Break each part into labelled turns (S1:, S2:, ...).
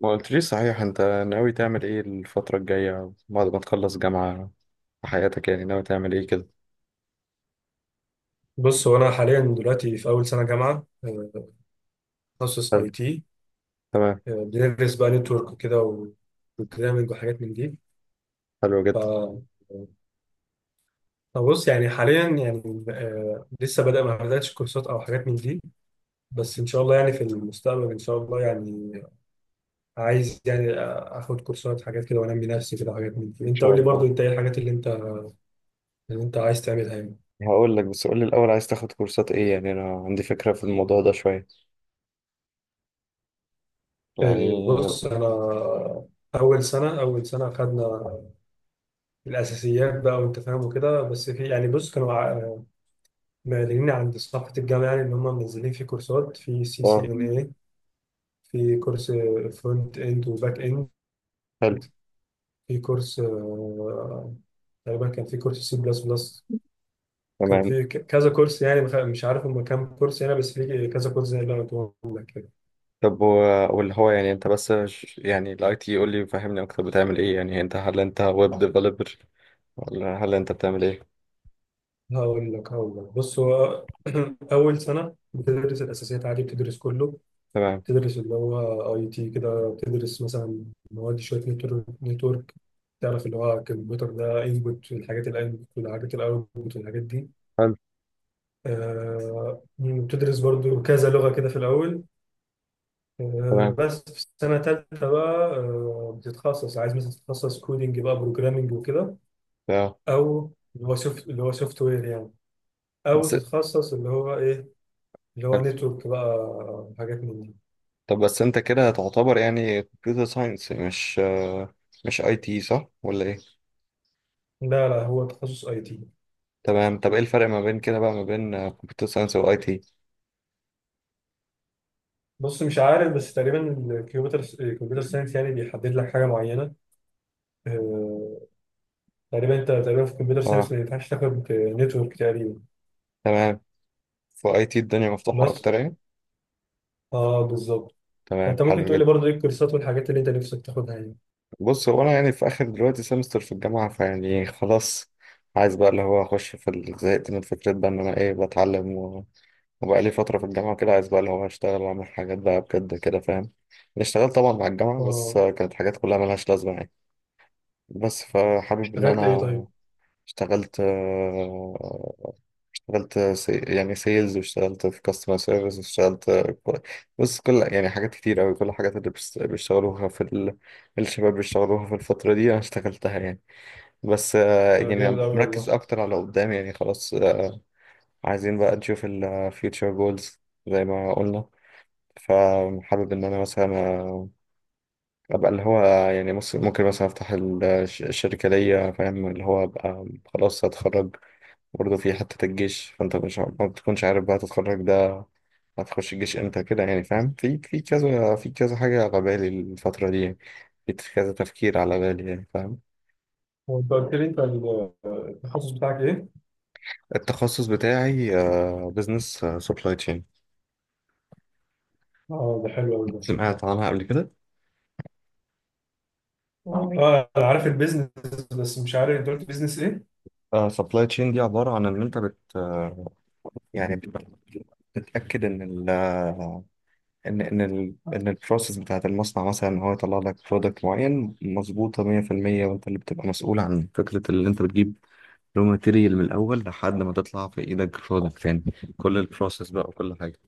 S1: ما قلتليش صحيح، انت ناوي تعمل ايه الفترة الجاية بعد ما تخلص جامعة في حياتك؟ يعني ناوي تعمل ايه كده؟
S2: بص هو انا حاليا دلوقتي في اول سنه جامعه، تخصص
S1: حلو.
S2: IT.
S1: تمام.
S2: بندرس بقى نتورك وكده و- وبروجرامنج وحاجات من دي.
S1: حلو جدا.
S2: ف فبص يعني حاليا يعني، لسه بدأ ما بدأتش كورسات او حاجات من دي. بس ان شاء الله يعني في المستقبل ان شاء الله يعني عايز يعني، اخد كورسات حاجات كده وانمي نفسي كده حاجات من دي.
S1: ان
S2: انت
S1: شاء
S2: قول لي
S1: الله.
S2: برضو انت ايه الحاجات اللي انت عايز تعملها يعني؟
S1: هقول لك، بس قول لي الاول، عايز تاخد كورسات ايه؟ يعني انا عندي فكرة في الموضوع ده شوية يعني.
S2: بص انا اول سنه خدنا الاساسيات بقى وانت فاهم وكده. بس في يعني بص كانوا معلنين عند صفحه الجامعه يعني ان هم منزلين في كورسات، في سي سي
S1: اه.
S2: ان اي في كورس فرونت اند وباك اند،
S1: حلو.
S2: في كورس، تقريبا كان في كورس C++. كان
S1: تمام.
S2: في كذا كورس يعني، مش عارف هم كام كورس يعني. بس في كذا كورس زي اللي انا قلت لك كده.
S1: طب واللي هو يعني انت بس يعني الاي تي، قول لي فهمني اكتر بتعمل ايه يعني. انت هل انت ويب ديفلوبر، ولا هل انت بتعمل ايه؟
S2: هقول لك بص هو اول سنه بتدرس الاساسيات عادي، بتدرس كله.
S1: تمام.
S2: تدرس اللي هو IT كده، بتدرس مثلا مواد شويه نتورك. تعرف اللي هو الكمبيوتر ده انبوت والحاجات الانبوت والحاجات الاوتبوت والحاجات دي.
S1: حلو.
S2: بتدرس برضو كذا لغه كده في الاول.
S1: تمام.
S2: بس في السنه الثالثه بقى، بتتخصص. عايز مثلا تتخصص كودينج بقى، بروجرامنج وكده،
S1: اه
S2: او اللي هو سوفت وير يعني، او
S1: بس
S2: تتخصص اللي هو ايه، اللي هو
S1: حلو.
S2: نتورك بقى، حاجات من دي.
S1: طب بس انت كده هتعتبر يعني كمبيوتر ساينس، مش اي تي، صح ولا ايه؟
S2: لا لا هو تخصص IT.
S1: تمام. طب ايه الفرق ما بين كده بقى، ما بين كمبيوتر ساينس واي تي؟
S2: بص مش عارف بس تقريبا الكمبيوتر ساينس يعني بيحدد لك حاجه معينه. آه، تقريبا انت تقريبا في الكمبيوتر ساينس
S1: اه.
S2: ما ينفعش تاخد نتورك تقريبا.
S1: تمام. في اي تي الدنيا مفتوحة
S2: بس
S1: اكتر يعني.
S2: اه بالظبط.
S1: تمام.
S2: فانت ممكن
S1: حلو
S2: تقول لي
S1: جدا.
S2: برضه ايه الكورسات والحاجات اللي انت نفسك تاخدها يعني؟
S1: بص، هو انا يعني في اخر دلوقتي سمستر في الجامعة، فيعني خلاص عايز بقى اللي هو اخش في زهقت من فكرة بقى ان انا ايه بتعلم، وبقى لي فترة في الجامعة كده. عايز بقى اللي هو اشتغل واعمل حاجات بقى بجد كده، فاهم يعني؟ اشتغلت طبعا مع الجامعة، بس
S2: اه
S1: كانت حاجات كلها ملهاش لازمة يعني. بس فحابب ان
S2: اشتغلت ايه
S1: انا،
S2: طيب؟
S1: اشتغلت اشتغلت يعني سيلز، واشتغلت في كاستمر سيرفيس، واشتغلت كو- بص، كل يعني حاجات كتير قوي، كل الحاجات اللي بيشتغلوها في الشباب بيشتغلوها في الفترة دي انا اشتغلتها يعني. بس
S2: ده
S1: يعني أنا
S2: جامد قوي
S1: مركز
S2: والله.
S1: اكتر على قدام، يعني خلاص عايزين بقى نشوف ال future goals زي ما قلنا. فحابب ان انا مثلا ابقى اللي هو يعني، بص ممكن مثلا افتح الشركه ليا، فاهم؟ اللي هو ابقى خلاص هتخرج، برضه في حته الجيش، فانت مش ما بتكونش عارف بقى تتخرج ده هتخش الجيش امتى كده، يعني فاهم؟ في كذا، في كذا حاجه على بالي الفتره دي يعني. في كذا تفكير على بالي يعني، فاهم؟
S2: هو انت قلت لي انت التخصص بتاعك ايه؟
S1: التخصص بتاعي بزنس سبلاي تشين.
S2: اه ده حلو قوي ده.
S1: سمعت عنها قبل كده؟
S2: اه انا عارف البيزنس، بس مش عارف انت قلت بيزنس ايه؟
S1: سبلاي تشين دي عباره عن ان انت بت يعني بتتاكد ان ان ان ال ان البروسيس بتاعت المصنع مثلا، ان هو يطلع لك برودكت معين مظبوطه 100%. وانت اللي بتبقى مسؤول عن فكره اللي انت بتجيب رو ماتيريال من الاول لحد ما تطلع في ايدك برودكت تاني. كل البروسيس بقى وكل حاجه.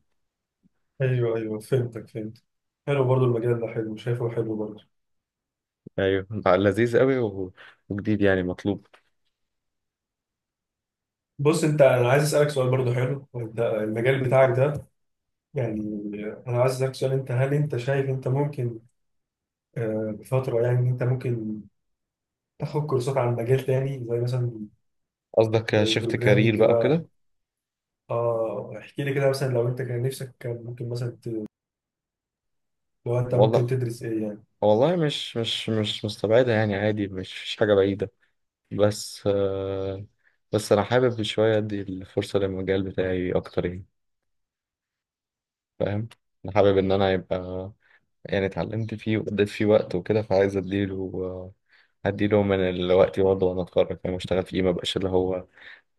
S2: ايوه ايوه فهمتك فهمت. حلو برضه المجال ده، حلو، شايفه حلو برضه.
S1: ايوه بقى، لذيذ قوي، وجديد يعني، مطلوب.
S2: بص انت، انا عايز اسالك سؤال برضو حلو ده المجال بتاعك ده يعني. انا عايز اسالك سؤال، انت هل انت شايف انت ممكن، بفتره يعني، ان انت ممكن تاخد كورسات عن مجال تاني زي مثلا
S1: قصدك شفت كارير
S2: البروجرامنج
S1: بقى
S2: بقى؟
S1: وكده؟
S2: اه احكي لي كده مثلا لو انت كان نفسك كان ممكن مثلا لو انت ممكن
S1: والله،
S2: تدرس ايه؟
S1: والله مش مستبعدة يعني، عادي، مش حاجة بعيدة. بس بس أنا حابب شوية أدي الفرصة للمجال بتاعي أكتر يعني، فاهم؟ انا حابب ان انا يبقى، يعني اتعلمت فيه وقضيت فيه وقت وكده، فعايز اديله، هديله من الوقت برضه، وانا اتخرج فاهم اشتغل فيه، ما بقاش اللي هو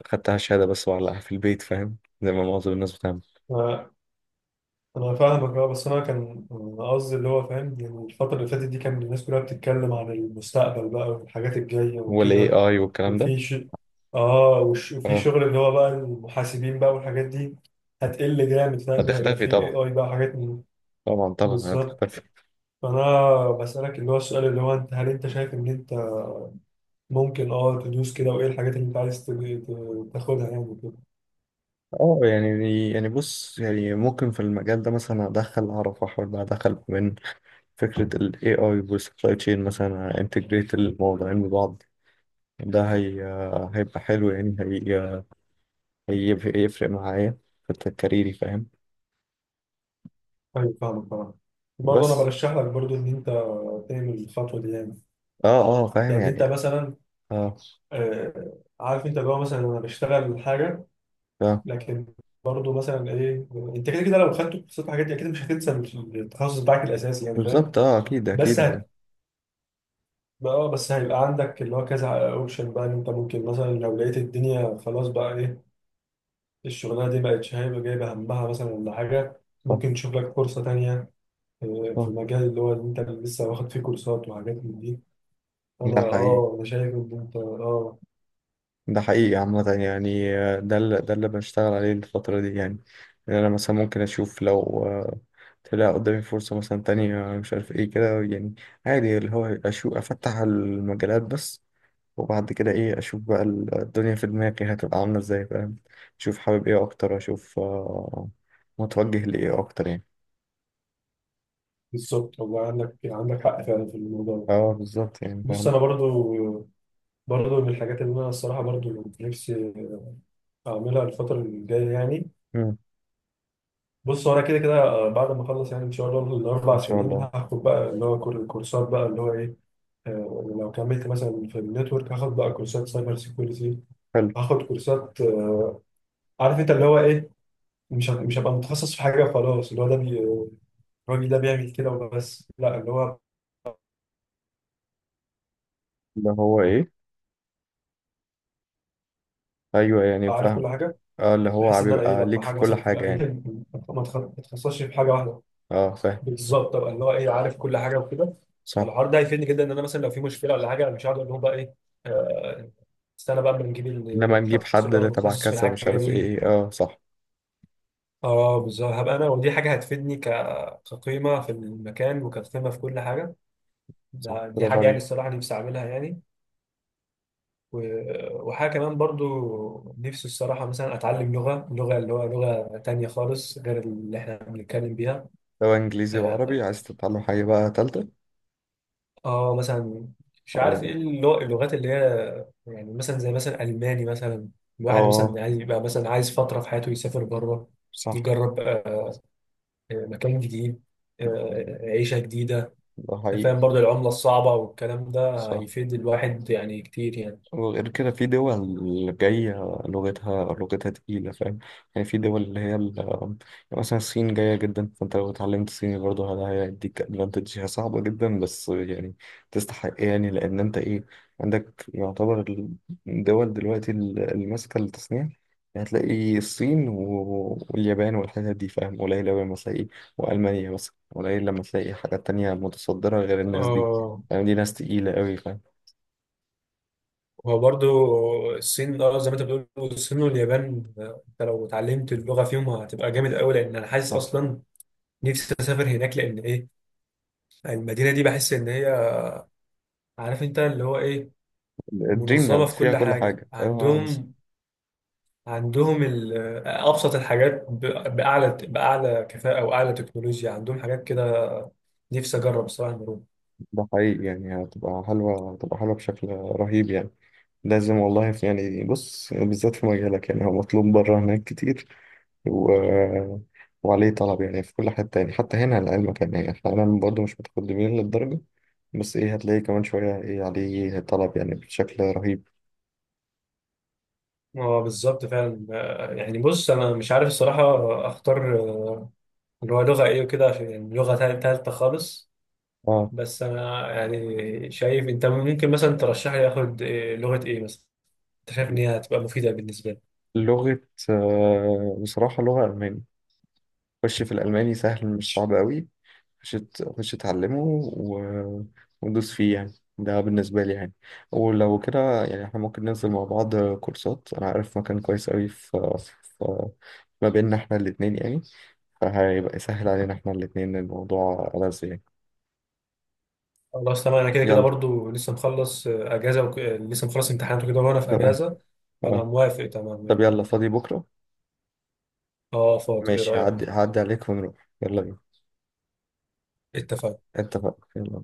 S1: خدتها شهادة بس وعلقها في البيت، فاهم؟ زي ما معظم الناس بتعمل.
S2: يعني انا فاهمك اه، بس انا كان قصدي اللي هو فاهم يعني الفتره اللي فاتت دي كان الناس كلها بتتكلم عن المستقبل بقى والحاجات الجايه
S1: والاي
S2: وكده.
S1: اي والكلام ده.
S2: وفي ش... اه وش... وفي
S1: اه،
S2: شغل اللي هو بقى المحاسبين بقى والحاجات دي هتقل جامد فاهم، وهيبقى
S1: هتختفي
S2: في اي
S1: طبعا.
S2: اي بقى حاجات من...
S1: طبعا طبعا
S2: بالظبط.
S1: هتختفي.
S2: فانا بسالك اللي هو السؤال اللي هو، انت هل انت شايف ان انت ممكن اه تدوس كده؟ وايه الحاجات اللي انت عايز تاخدها يعني وكده؟
S1: اه يعني، يعني بص، يعني ممكن في المجال ده مثلا ادخل، اعرف احاول بقى ادخل من فكرة ال AI وال supply chain، مثلا انتجريت الموضوعين ببعض. ده هي هيبقى حلو يعني، هي هيفرق معايا في كاريري، فاهم؟
S2: ايوه فاهمك طبعا. برضه انا
S1: بس
S2: برشح لك برضه ان انت تعمل الخطوه دي يعني.
S1: اه، اه فاهم
S2: يعني انت
S1: يعني،
S2: مثلا،
S1: اه
S2: عارف انت اللي هو مثلا انا بشتغل حاجه
S1: ف-
S2: لكن برضه مثلا ايه. انت كده كده لو خدت كورسات الحاجات دي اكيد مش هتنسى التخصص بتاعك الاساسي يعني فاهم.
S1: بالظبط، اه اكيد اكيد،
S2: بس
S1: لان
S2: هت... اه بس هيبقى عندك اللي هو كذا اوبشن بقى، ان انت ممكن مثلا لو لقيت الدنيا خلاص بقى ايه الشغلانه دي بقت شايفه جايبه همها مثلا ولا حاجه،
S1: صح
S2: ممكن تشوف لك فرصه تانيه، في
S1: صح.
S2: المجال اللي هو اللي انت لسه واخد فيه كورسات وحاجات من دي. انا
S1: ده حقيقي،
S2: اه انا شايف ان انت اه
S1: ده حقيقي عامة يعني. ده اللي بنشتغل عليه الفترة دي يعني. إن أنا مثلا ممكن أشوف لو طلع قدامي فرصة مثلا تانية مش عارف إيه كده يعني، عادي، اللي هو أشوف أفتح المجالات بس، وبعد كده إيه أشوف بقى الدنيا في دماغي هتبقى عاملة إزاي، فاهم؟ أشوف حابب إيه أكتر، أشوف متوجه لإيه أكتر يعني.
S2: بالظبط. والله عندك حق فعلا في الموضوع ده.
S1: أه بالظبط يعني،
S2: بص
S1: فاهم.
S2: انا برضو من الحاجات اللي انا الصراحه برضو نفسي اعملها الفتره الجايه يعني.
S1: مم،
S2: بص هو انا كده كده، بعد ما اخلص يعني ان شاء الله الاربع
S1: إن شاء
S2: سنين
S1: الله.
S2: هاخد بقى اللي هو كورسات بقى اللي هو ايه. لو كملت مثلا في النتورك هاخد بقى كورسات سايبر سيكيورتي.
S1: حلو.
S2: هاخد كورسات، عارف انت اللي هو ايه. مش هبقى متخصص في حاجه وخلاص اللي هو ده الراجل ده بيعمل كده وبس. لا، اللي هو
S1: اللي هو إيه. أيوه يعني،
S2: أبقى عارف
S1: فاهم.
S2: كل حاجه،
S1: أه، اللي
S2: بحيث
S1: هو
S2: ان انا ايه
S1: بيبقى
S2: لما
S1: ليك في
S2: حاجه
S1: كل
S2: مثلا تبقى
S1: حاجة يعني.
S2: ما اتخصصش في حاجه واحده.
S1: أه فاهم.
S2: بالظبط ابقى اللي هو ايه عارف كل حاجه وكده.
S1: صح.
S2: فالحوار ده هيفيدني جدا ان انا مثلا لو في مشكله ولا حاجه انا مش هقعد اقول لهم بقى ايه، آه، استنى بقى اما نجيب
S1: انما نجيب
S2: الشخص
S1: حد
S2: اللي هو
S1: اللي تبع
S2: متخصص في
S1: كذا، مش
S2: الحاجه
S1: عارف
S2: دي.
S1: ايه، اه صح.
S2: اه بالظبط. هبقى انا ودي حاجه هتفيدني كقيمه في المكان وكقيمه في كل حاجه.
S1: صح،
S2: دي
S1: برافو
S2: حاجه يعني
S1: عليك.
S2: الصراحه نفسي اعملها يعني. و- وحاجه كمان برضو نفسي الصراحه مثلا اتعلم لغه تانية خالص غير اللي احنا بنتكلم بيها.
S1: سواء انجليزي
S2: آه،
S1: وعربي، عايز تتعلم حاجة بقى تالتة؟
S2: اه مثلا مش
S1: تعلم
S2: عارف ايه
S1: ايه؟
S2: اللغات اللي هي يعني مثلا زي مثلا الماني مثلا. الواحد
S1: اه.
S2: مثلا عايز يبقى مثلا عايز فتره في حياته يسافر بره،
S1: صح.
S2: يجرب، مكان جديد، عيشه جديده.
S1: ده
S2: أنت فاهم
S1: حقيقي.
S2: برضه العمله الصعبه والكلام ده
S1: صح.
S2: هيفيد الواحد يعني كتير يعني.
S1: وغير كده في دول جاية لغتها، لغتها تقيلة، فاهم؟ يعني في دول اللي هي يعني مثلا الصين جاية جدا، فانت لو اتعلمت صيني برضه هذا هيديك ادفانتج. هي صعبة جدا، بس يعني تستحق يعني، لأن انت ايه عندك يعتبر الدول دلوقتي اللي ماسكة التصنيع يعني. هتلاقي الصين واليابان والحتت دي، فاهم؟ قليل أوي لما تلاقي، وألمانيا مثلا، قليل لما تلاقي حاجات تانية متصدرة غير الناس دي.
S2: اه
S1: يعني دي ناس تقيلة أوي، فاهم؟
S2: هو برضه الصين، اه زي ما انت بتقول الصين واليابان، انت لو اتعلمت اللغه فيهم هتبقى جامد قوي، لان انا حاسس
S1: آه.
S2: اصلا نفسي اسافر هناك. لان ايه؟ المدينه دي بحس ان هي، عارف انت اللي هو ايه،
S1: دريم
S2: منظمة
S1: لاند،
S2: في
S1: فيها
S2: كل
S1: كل
S2: حاجة
S1: حاجة. اه بس.
S2: عندهم. عندهم أبسط الحاجات بأعلى كفاءة وأعلى تكنولوجيا، عندهم حاجات كده. نفسي أجرب الصراحة المرور.
S1: ده حقيقي يعني، هتبقى حلوة، هتبقى حلوة بشكل رهيب يعني. لازم والله. في يعني، بص بالذات في مجالك يعني، هو مطلوب بره هناك كتير، و... وعليه طلب يعني في كل حتة يعني. حتى هنا، لعلمك يعني، يعني احنا هنا برضه مش متقدمين للدرجة، بس ايه، هتلاقي كمان شوية ايه عليه طلب يعني بشكل رهيب.
S2: اه بالظبط فعلا. يعني بص أنا مش عارف الصراحة أختار، اللي هو لغة إيه وكده، عشان يعني لغة تالتة خالص.
S1: اه.
S2: بس أنا يعني شايف أنت ممكن مثلا ترشح لي آخد، لغة إيه مثلا أنت شايف إن هي هتبقى مفيدة بالنسبة لي؟
S1: لغة بصراحة لغة ألماني. خش في الألماني، سهل مش صعب قوي. خش، خش اتعلمه. و... وندوس فيه يعني. ده بالنسبة لي يعني. ولو كده يعني احنا ممكن ننزل مع بعض كورسات، أنا عارف مكان كويس أوي في... ما بيننا احنا الاتنين يعني، فهيبقى يسهل علينا احنا الاتنين، الموضوع لذيذ يعني.
S2: خلاص تمام. انا كده كده
S1: يلا.
S2: برضو لسه مخلص، اجازه وك... آه، لسه مخلص امتحانات وكده وانا في
S1: تمام.
S2: اجازه. فانا
S1: اه.
S2: موافق تمام
S1: طب
S2: يلا.
S1: يلا، فاضي بكرة؟
S2: اه فاضي ايه
S1: ماشي، هعدي
S2: رايك؟
S1: هعدي عليك، ونروح يلا بينا.
S2: اتفقنا.
S1: اتفقنا. يلا.